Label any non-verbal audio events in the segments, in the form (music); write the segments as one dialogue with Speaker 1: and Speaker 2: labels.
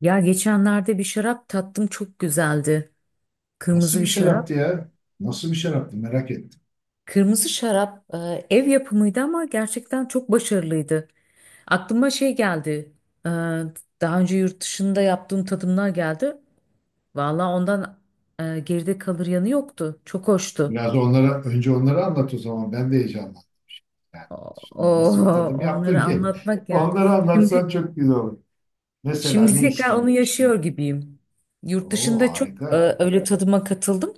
Speaker 1: Ya geçenlerde bir şarap tattım çok güzeldi.
Speaker 2: Nasıl
Speaker 1: Kırmızı
Speaker 2: bir
Speaker 1: bir şarap.
Speaker 2: şaraptı ya? Nasıl bir şaraptı merak ettim.
Speaker 1: Kırmızı şarap ev yapımıydı ama gerçekten çok başarılıydı. Aklıma şey geldi. e, Daha önce yurt dışında yaptığım tadımlar geldi. Valla ondan geride kalır yanı yoktu. Çok hoştu.
Speaker 2: Biraz da onlara önce onları anlat o zaman ben de heyecanlandım. Yani
Speaker 1: O,
Speaker 2: şuna nasıl bir tadım yaptın
Speaker 1: Onları
Speaker 2: ki?
Speaker 1: anlatmak
Speaker 2: (laughs)
Speaker 1: yani.
Speaker 2: Onları anlatsan
Speaker 1: Şimdi
Speaker 2: çok güzel olur. Mesela
Speaker 1: Şimdi
Speaker 2: ne
Speaker 1: tekrar
Speaker 2: içtin
Speaker 1: onu
Speaker 2: yurt dışına?
Speaker 1: yaşıyor gibiyim. Yurt
Speaker 2: Oo
Speaker 1: dışında çok
Speaker 2: harika.
Speaker 1: öyle tadıma katıldım.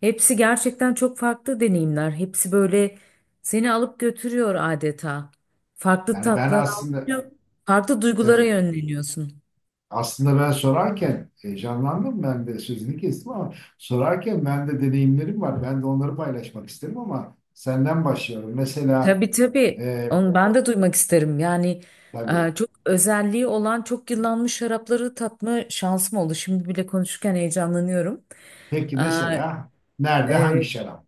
Speaker 1: Hepsi gerçekten çok farklı deneyimler. Hepsi böyle seni alıp götürüyor adeta. Farklı
Speaker 2: Yani ben
Speaker 1: tatlar
Speaker 2: aslında
Speaker 1: alıyor, farklı duygulara
Speaker 2: e,
Speaker 1: yönleniyorsun.
Speaker 2: aslında ben sorarken heyecanlandım ben de sözünü kestim ama sorarken ben de deneyimlerim var. Ben de onları paylaşmak isterim ama senden başlıyorum. Mesela
Speaker 1: Tabii tabii.
Speaker 2: e,
Speaker 1: Onu ben de duymak isterim. Yani
Speaker 2: tabii,
Speaker 1: çok özelliği olan çok yıllanmış şarapları tatma şansım oldu. Şimdi bile konuşurken heyecanlanıyorum.
Speaker 2: peki
Speaker 1: E,
Speaker 2: mesela nerede hangi
Speaker 1: Evet.
Speaker 2: şarap?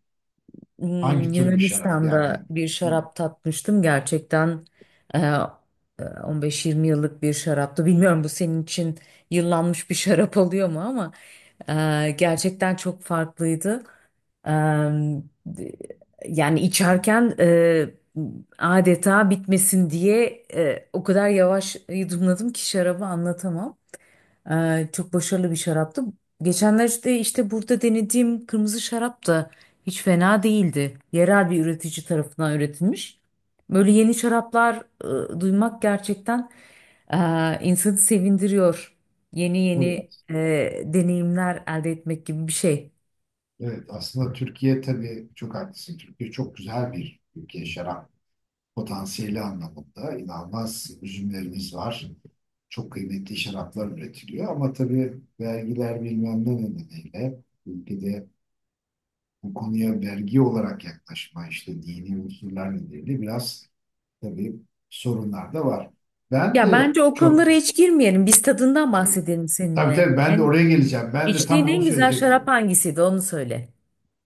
Speaker 1: Hmm,
Speaker 2: Hangi tür bir şarap? Yani
Speaker 1: Yunanistan'da bir
Speaker 2: hı,
Speaker 1: şarap tatmıştım. Gerçekten 15-20 yıllık bir şaraptı. Bilmiyorum bu senin için yıllanmış bir şarap oluyor mu ama gerçekten çok farklıydı. E, Yani
Speaker 2: hı,
Speaker 1: içerken adeta bitmesin diye o kadar yavaş yudumladım ki şarabı anlatamam. Çok başarılı bir şaraptı. Geçenlerde işte burada denediğim kırmızı şarap da hiç fena değildi. Yerel bir üretici tarafından üretilmiş. Böyle yeni şaraplar duymak gerçekten e, insanı sevindiriyor. Yeni
Speaker 2: tabii.
Speaker 1: yeni deneyimler elde etmek gibi bir şey.
Speaker 2: Evet aslında Türkiye, tabii çok haklısın. Türkiye çok güzel bir ülke şarap potansiyeli anlamında. İnanılmaz üzümlerimiz var. Çok kıymetli şaraplar üretiliyor ama tabii vergiler bilmem ne nedeniyle ülkede bu konuya vergi olarak yaklaşma, işte dini unsurlar nedeniyle biraz tabii sorunlar da var. Ben
Speaker 1: Ya
Speaker 2: de
Speaker 1: bence o
Speaker 2: çok
Speaker 1: konulara
Speaker 2: tabii
Speaker 1: hiç girmeyelim. Biz tadından bahsedelim
Speaker 2: tabii,
Speaker 1: seninle.
Speaker 2: tabii ben de
Speaker 1: Yani
Speaker 2: oraya geleceğim. Ben de
Speaker 1: içtiğin
Speaker 2: tam onu
Speaker 1: en güzel şarap
Speaker 2: söyleyecektim.
Speaker 1: hangisiydi onu söyle.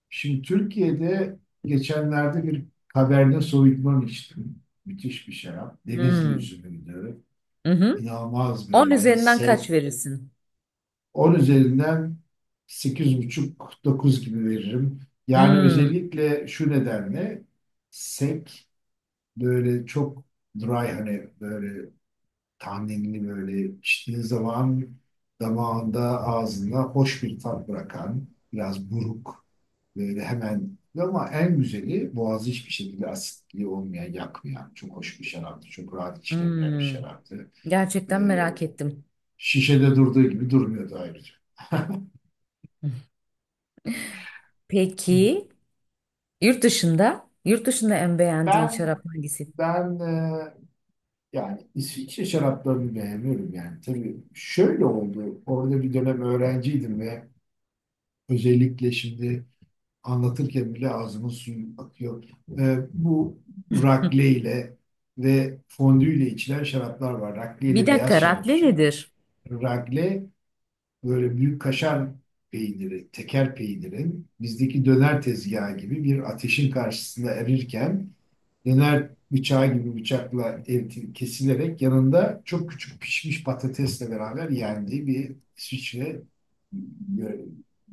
Speaker 2: Şimdi Türkiye'de geçenlerde bir Cabernet Sauvignon içtim. Müthiş bir şarap. Denizli
Speaker 1: Hmm.
Speaker 2: üzümüydü.
Speaker 1: Hı hı.
Speaker 2: İnanılmaz
Speaker 1: 10
Speaker 2: böyle
Speaker 1: üzerinden kaç
Speaker 2: sek.
Speaker 1: verirsin?
Speaker 2: On üzerinden sekiz buçuk dokuz gibi veririm. Yani
Speaker 1: Hmm.
Speaker 2: özellikle şu nedenle sek, böyle çok dry, hani böyle tahinli, böyle içtiğin zaman damağında ağzında hoş bir tat bırakan, biraz buruk böyle, hemen ama en güzeli boğazı hiçbir şekilde asitliği olmayan, yakmayan çok hoş bir şaraptı. Çok rahat içilebilen bir
Speaker 1: Hmm,
Speaker 2: şaraptı.
Speaker 1: gerçekten
Speaker 2: Ee,
Speaker 1: merak ettim.
Speaker 2: Şişede durduğu gibi durmuyordu ayrıca.
Speaker 1: Peki yurt dışında? Yurt dışında en beğendiğin
Speaker 2: Ben
Speaker 1: şarap hangisi?
Speaker 2: ben yani İsviçre şaraplarını beğeniyorum yani. Tabii şöyle oldu. Orada bir dönem öğrenciydim ve özellikle şimdi anlatırken bile ağzımın suyu akıyor. Bu rakle ile ve fondü ile içilen şaraplar var. Rakle
Speaker 1: Bir
Speaker 2: ile beyaz
Speaker 1: dakika
Speaker 2: şarap
Speaker 1: rakle
Speaker 2: içiyorlar.
Speaker 1: nedir?
Speaker 2: Rakle böyle büyük kaşar peyniri, teker peynirin bizdeki döner tezgahı gibi bir ateşin karşısında erirken döner bıçağı gibi bıçakla kesilerek yanında çok küçük pişmiş patatesle beraber yendiği bir İsviçre e,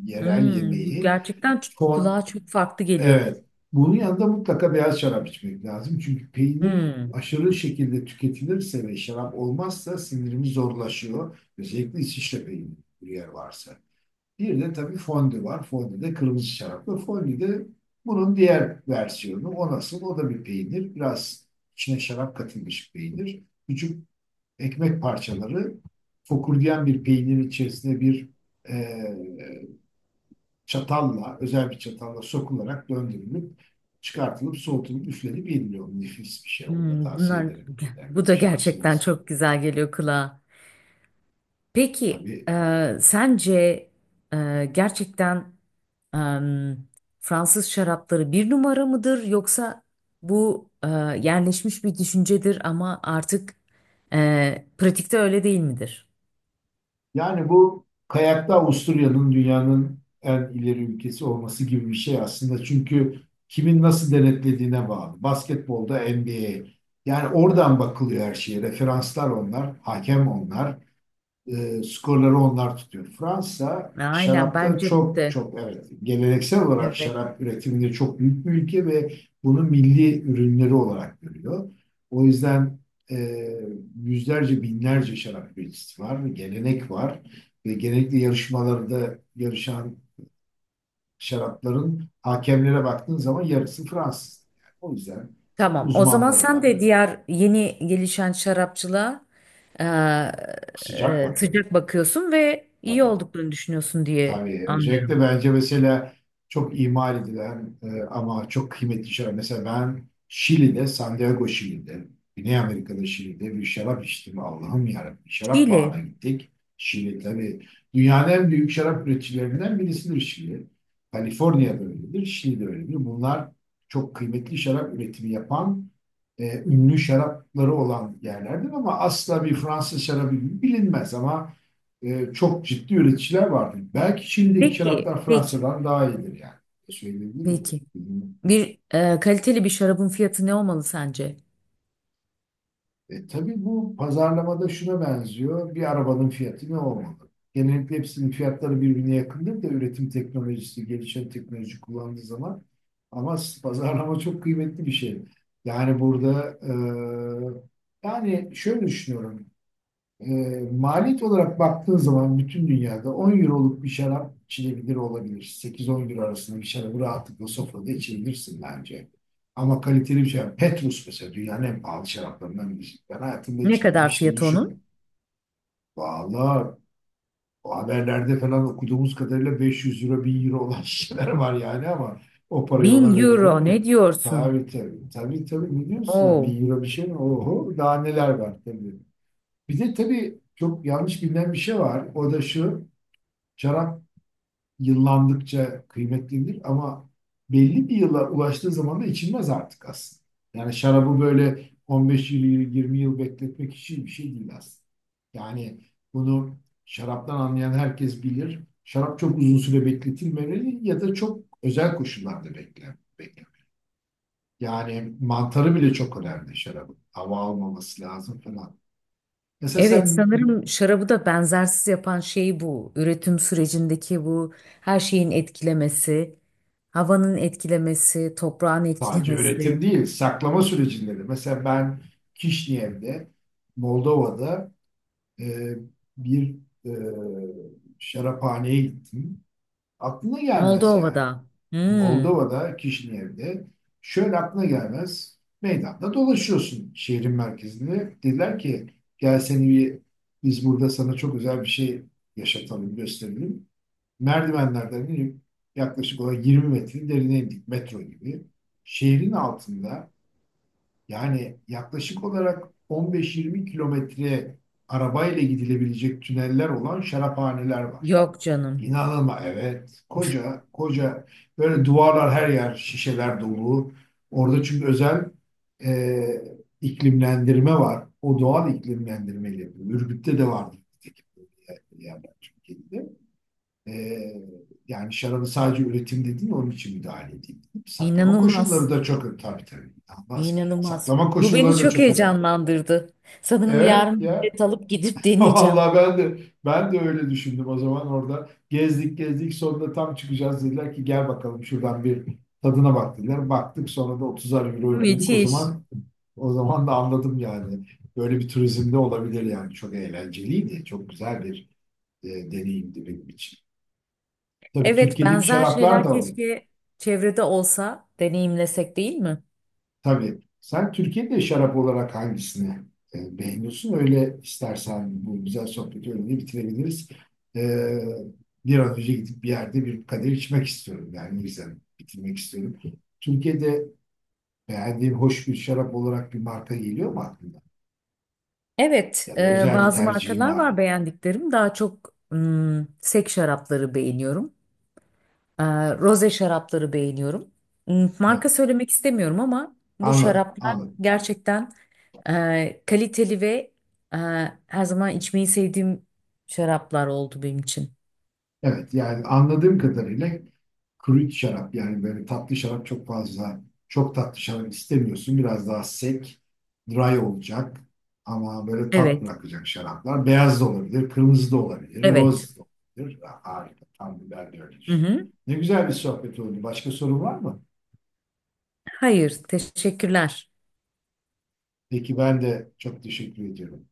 Speaker 2: yerel
Speaker 1: Hmm, bu
Speaker 2: yemeği.
Speaker 1: gerçekten ç-
Speaker 2: Fon
Speaker 1: kulağa çok farklı geliyor.
Speaker 2: Evet. Bunun yanında mutlaka beyaz şarap içmek lazım. Çünkü peynir
Speaker 1: Hmm,
Speaker 2: aşırı şekilde tüketilirse ve şarap olmazsa sindirimi zorlaşıyor. Özellikle İsviçre peyniri bir yer varsa. Bir de tabii fondü var. Fondü de kırmızı şaraplı. Fondü de bunun diğer versiyonu. O nasıl? O da bir peynir. Biraz içine şarap katılmış peynir. Küçük ekmek parçaları fokurdayan bir peynirin içerisine bir çatalla, özel bir çatalla sokularak döndürülüp çıkartılıp soğutulup üflenip yeniliyor. Nefis bir şey. Onu da
Speaker 1: hmm,
Speaker 2: tavsiye
Speaker 1: bunlar
Speaker 2: ederim.
Speaker 1: (laughs)
Speaker 2: Yani
Speaker 1: bu
Speaker 2: bir
Speaker 1: da gerçekten
Speaker 2: şansınız.
Speaker 1: çok güzel geliyor kulağa. Peki
Speaker 2: Tabii.
Speaker 1: sence gerçekten em, Fransız şarapları bir numara mıdır yoksa bu yerleşmiş bir düşüncedir ama artık pratikte öyle değil midir?
Speaker 2: Yani bu kayakta Avusturya'nın dünyanın en ileri ülkesi olması gibi bir şey aslında. Çünkü kimin nasıl denetlediğine bağlı. Basketbolda NBA. Yani oradan bakılıyor her şeye. Referanslar onlar, hakem onlar. Skorları onlar tutuyor. Fransa
Speaker 1: Aynen
Speaker 2: şarapta
Speaker 1: bence
Speaker 2: çok
Speaker 1: de.
Speaker 2: çok, evet, geleneksel olarak
Speaker 1: Evet.
Speaker 2: şarap üretiminde çok büyük bir ülke ve bunu milli ürünleri olarak görüyor. O yüzden e, yüzlerce binlerce şarap üreticisi var, gelenek var ve genellikle yarışmalarda yarışan şarapların hakemlere baktığın zaman yarısı Fransız. Yani o yüzden
Speaker 1: Tamam. O zaman
Speaker 2: uzmanları var.
Speaker 1: sen de
Speaker 2: Yani
Speaker 1: diğer yeni gelişen şarapçılığa e,
Speaker 2: sıcak bakıyorum,
Speaker 1: sıcak bakıyorsun ve iyi
Speaker 2: tabii.
Speaker 1: olduklarını düşünüyorsun diye
Speaker 2: Tabii.
Speaker 1: anlıyorum.
Speaker 2: Özellikle bence mesela çok imal edilen ama çok kıymetli şeyler. Mesela ben Şili'de, Santiago Şili'de, Güney Amerika'da Şili'de bir şarap içtim. Allah'ım yarabbim. Şarap bağına
Speaker 1: Şili.
Speaker 2: gittik. Şili, tabii dünyanın en büyük şarap üreticilerinden birisidir Şili. Kaliforniya'da öyledir, Şili'de öyledir. Bunlar çok kıymetli şarap üretimi yapan, ünlü şarapları olan yerlerdir ama asla bir Fransız şarabı gibi bilinmez ama çok ciddi üreticiler vardır. Belki Çin'deki
Speaker 1: Peki,
Speaker 2: şaraplar
Speaker 1: peki,
Speaker 2: Fransa'dan daha iyidir yani. Söyleyebilir miyim?
Speaker 1: peki.
Speaker 2: Bilmiyorum.
Speaker 1: Bir kaliteli bir şarabın fiyatı ne olmalı sence?
Speaker 2: Tabii bu pazarlamada şuna benziyor. Bir arabanın fiyatı ne olmalı? Genellikle hepsinin fiyatları birbirine yakındır da, üretim teknolojisi, gelişen teknoloji kullandığı zaman. Ama pazarlama çok kıymetli bir şey. Yani burada yani şöyle düşünüyorum. E, Maliyet olarak baktığın zaman bütün dünyada 10 euroluk bir şarap içilebilir olabilir. 8-10 euro arasında bir şarabı rahatlıkla sofrada içebilirsin bence. Ama kaliteli bir şarap. Petrus mesela dünyanın en pahalı şaraplarından birisi. Ben hayatımda
Speaker 1: Ne
Speaker 2: içmedim,
Speaker 1: kadar
Speaker 2: hiç de
Speaker 1: fiyatı
Speaker 2: düşünmedim.
Speaker 1: onun?
Speaker 2: Valla o haberlerde falan okuduğumuz kadarıyla 500 euro, 1000 euro olan (laughs) şeyler var
Speaker 1: Bin
Speaker 2: yani ama o parayı ona verilir
Speaker 1: euro
Speaker 2: mi ya?
Speaker 1: ne diyorsun?
Speaker 2: Tabii tabii. Tabii tabii. Ne diyorsun lan?
Speaker 1: Oo.
Speaker 2: 1000 euro bir şey mi? Oho, daha neler var tabii. Bir de tabii çok yanlış bilinen bir şey var. O da şu, şarap yıllandıkça kıymetlidir ama belli bir yıla ulaştığı zaman da içilmez artık aslında. Yani şarabı böyle 15 yıl, 20 yıl bekletmek için bir şey değil aslında. Yani bunu şaraptan anlayan herkes bilir. Şarap çok uzun süre bekletilmemeli ya da çok özel koşullarda beklen, beklen. Yani mantarı bile çok önemli şarabın. Hava almaması lazım falan. Mesela
Speaker 1: Evet
Speaker 2: sen.
Speaker 1: sanırım şarabı da benzersiz yapan şey bu. Üretim sürecindeki bu her şeyin etkilemesi, havanın etkilemesi, toprağın
Speaker 2: Sadece
Speaker 1: etkilemesi.
Speaker 2: üretim değil, saklama sürecinde de. Mesela ben Kişinev'de, Moldova'da e, bir e, şaraphaneye gittim. Aklına gelmez yani.
Speaker 1: Moldova'da. Hmm.
Speaker 2: Moldova'da, Kişinev'de şöyle aklına gelmez. Meydanda dolaşıyorsun şehrin merkezinde. Dediler ki gel seni bir, biz burada sana çok özel bir şey yaşatalım, gösterelim. Merdivenlerden inip yaklaşık olarak 20 metre derine indik, metro gibi. Şehrin altında yani yaklaşık olarak 15-20 kilometre arabayla gidilebilecek tüneller olan şaraphaneler var.
Speaker 1: Yok canım.
Speaker 2: Evet. Koca koca böyle duvarlar, her yer şişeler dolu. Orada çünkü özel e, iklimlendirme var. O doğal iklimlendirmeyle yapıyor. Ürgüp'te de vardı. Yani Türkiye'de. E, Yani şarabı sadece üretimde değil, onun için müdahale edeyim, saklama koşulları
Speaker 1: İnanılmaz.
Speaker 2: da çok, tabii tabii. İnanılmaz.
Speaker 1: İnanılmaz.
Speaker 2: Saklama
Speaker 1: Bu beni
Speaker 2: koşulları da
Speaker 1: çok
Speaker 2: çok önemli.
Speaker 1: heyecanlandırdı. Sanırım
Speaker 2: Evet
Speaker 1: yarın bir
Speaker 2: ya.
Speaker 1: bilet alıp gidip
Speaker 2: (laughs)
Speaker 1: deneyeceğim.
Speaker 2: Vallahi ben de öyle düşündüm o zaman orada. Gezdik gezdik, sonunda tam çıkacağız dediler ki gel bakalım şuradan bir tadına bak dediler. Baktık, sonra da 30'ar euro ödedik. O
Speaker 1: Müthiş.
Speaker 2: zaman o zaman da anladım yani. Böyle bir turizmde olabilir yani. Çok eğlenceliydi. Çok güzel bir deneyimdi benim için. Tabii
Speaker 1: Evet,
Speaker 2: Türkiye'deki
Speaker 1: benzer
Speaker 2: şaraplar
Speaker 1: şeyler
Speaker 2: da var.
Speaker 1: keşke çevrede olsa, deneyimlesek değil mi?
Speaker 2: Tabii. Sen Türkiye'de şarap olarak hangisini beğeniyorsun? Öyle istersen bu güzel sohbeti öyle bitirebiliriz. E, Bir an önce gidip bir yerde bir kadeh içmek istiyorum. Yani güzel bitirmek istiyorum. Türkiye'de beğendiğin hoş bir şarap olarak bir marka geliyor mu aklına?
Speaker 1: Evet,
Speaker 2: Ya da özel bir
Speaker 1: bazı
Speaker 2: tercihin
Speaker 1: markalar
Speaker 2: var
Speaker 1: var
Speaker 2: mı?
Speaker 1: beğendiklerim. Daha çok hmm, sek şarapları beğeniyorum. E, Roze şarapları beğeniyorum. Hmm,
Speaker 2: Evet,
Speaker 1: marka söylemek istemiyorum ama bu
Speaker 2: anladım,
Speaker 1: şaraplar
Speaker 2: anladım.
Speaker 1: gerçekten kaliteli ve e, her zaman içmeyi sevdiğim şaraplar oldu benim için.
Speaker 2: Evet, yani anladığım kadarıyla kuru şarap yani böyle tatlı şarap çok fazla, çok tatlı şarap istemiyorsun. Biraz daha sek, dry olacak ama böyle tat
Speaker 1: Evet,
Speaker 2: bırakacak şaraplar. Beyaz da olabilir, kırmızı da olabilir,
Speaker 1: evet.
Speaker 2: roz da olabilir. Harika. Tam bir, ben de öyle
Speaker 1: Hı
Speaker 2: düşünüyorum.
Speaker 1: hı.
Speaker 2: Ne güzel bir sohbet oldu. Başka sorun var mı?
Speaker 1: Hayır, teşekkürler.
Speaker 2: Peki, ben de çok teşekkür ediyorum.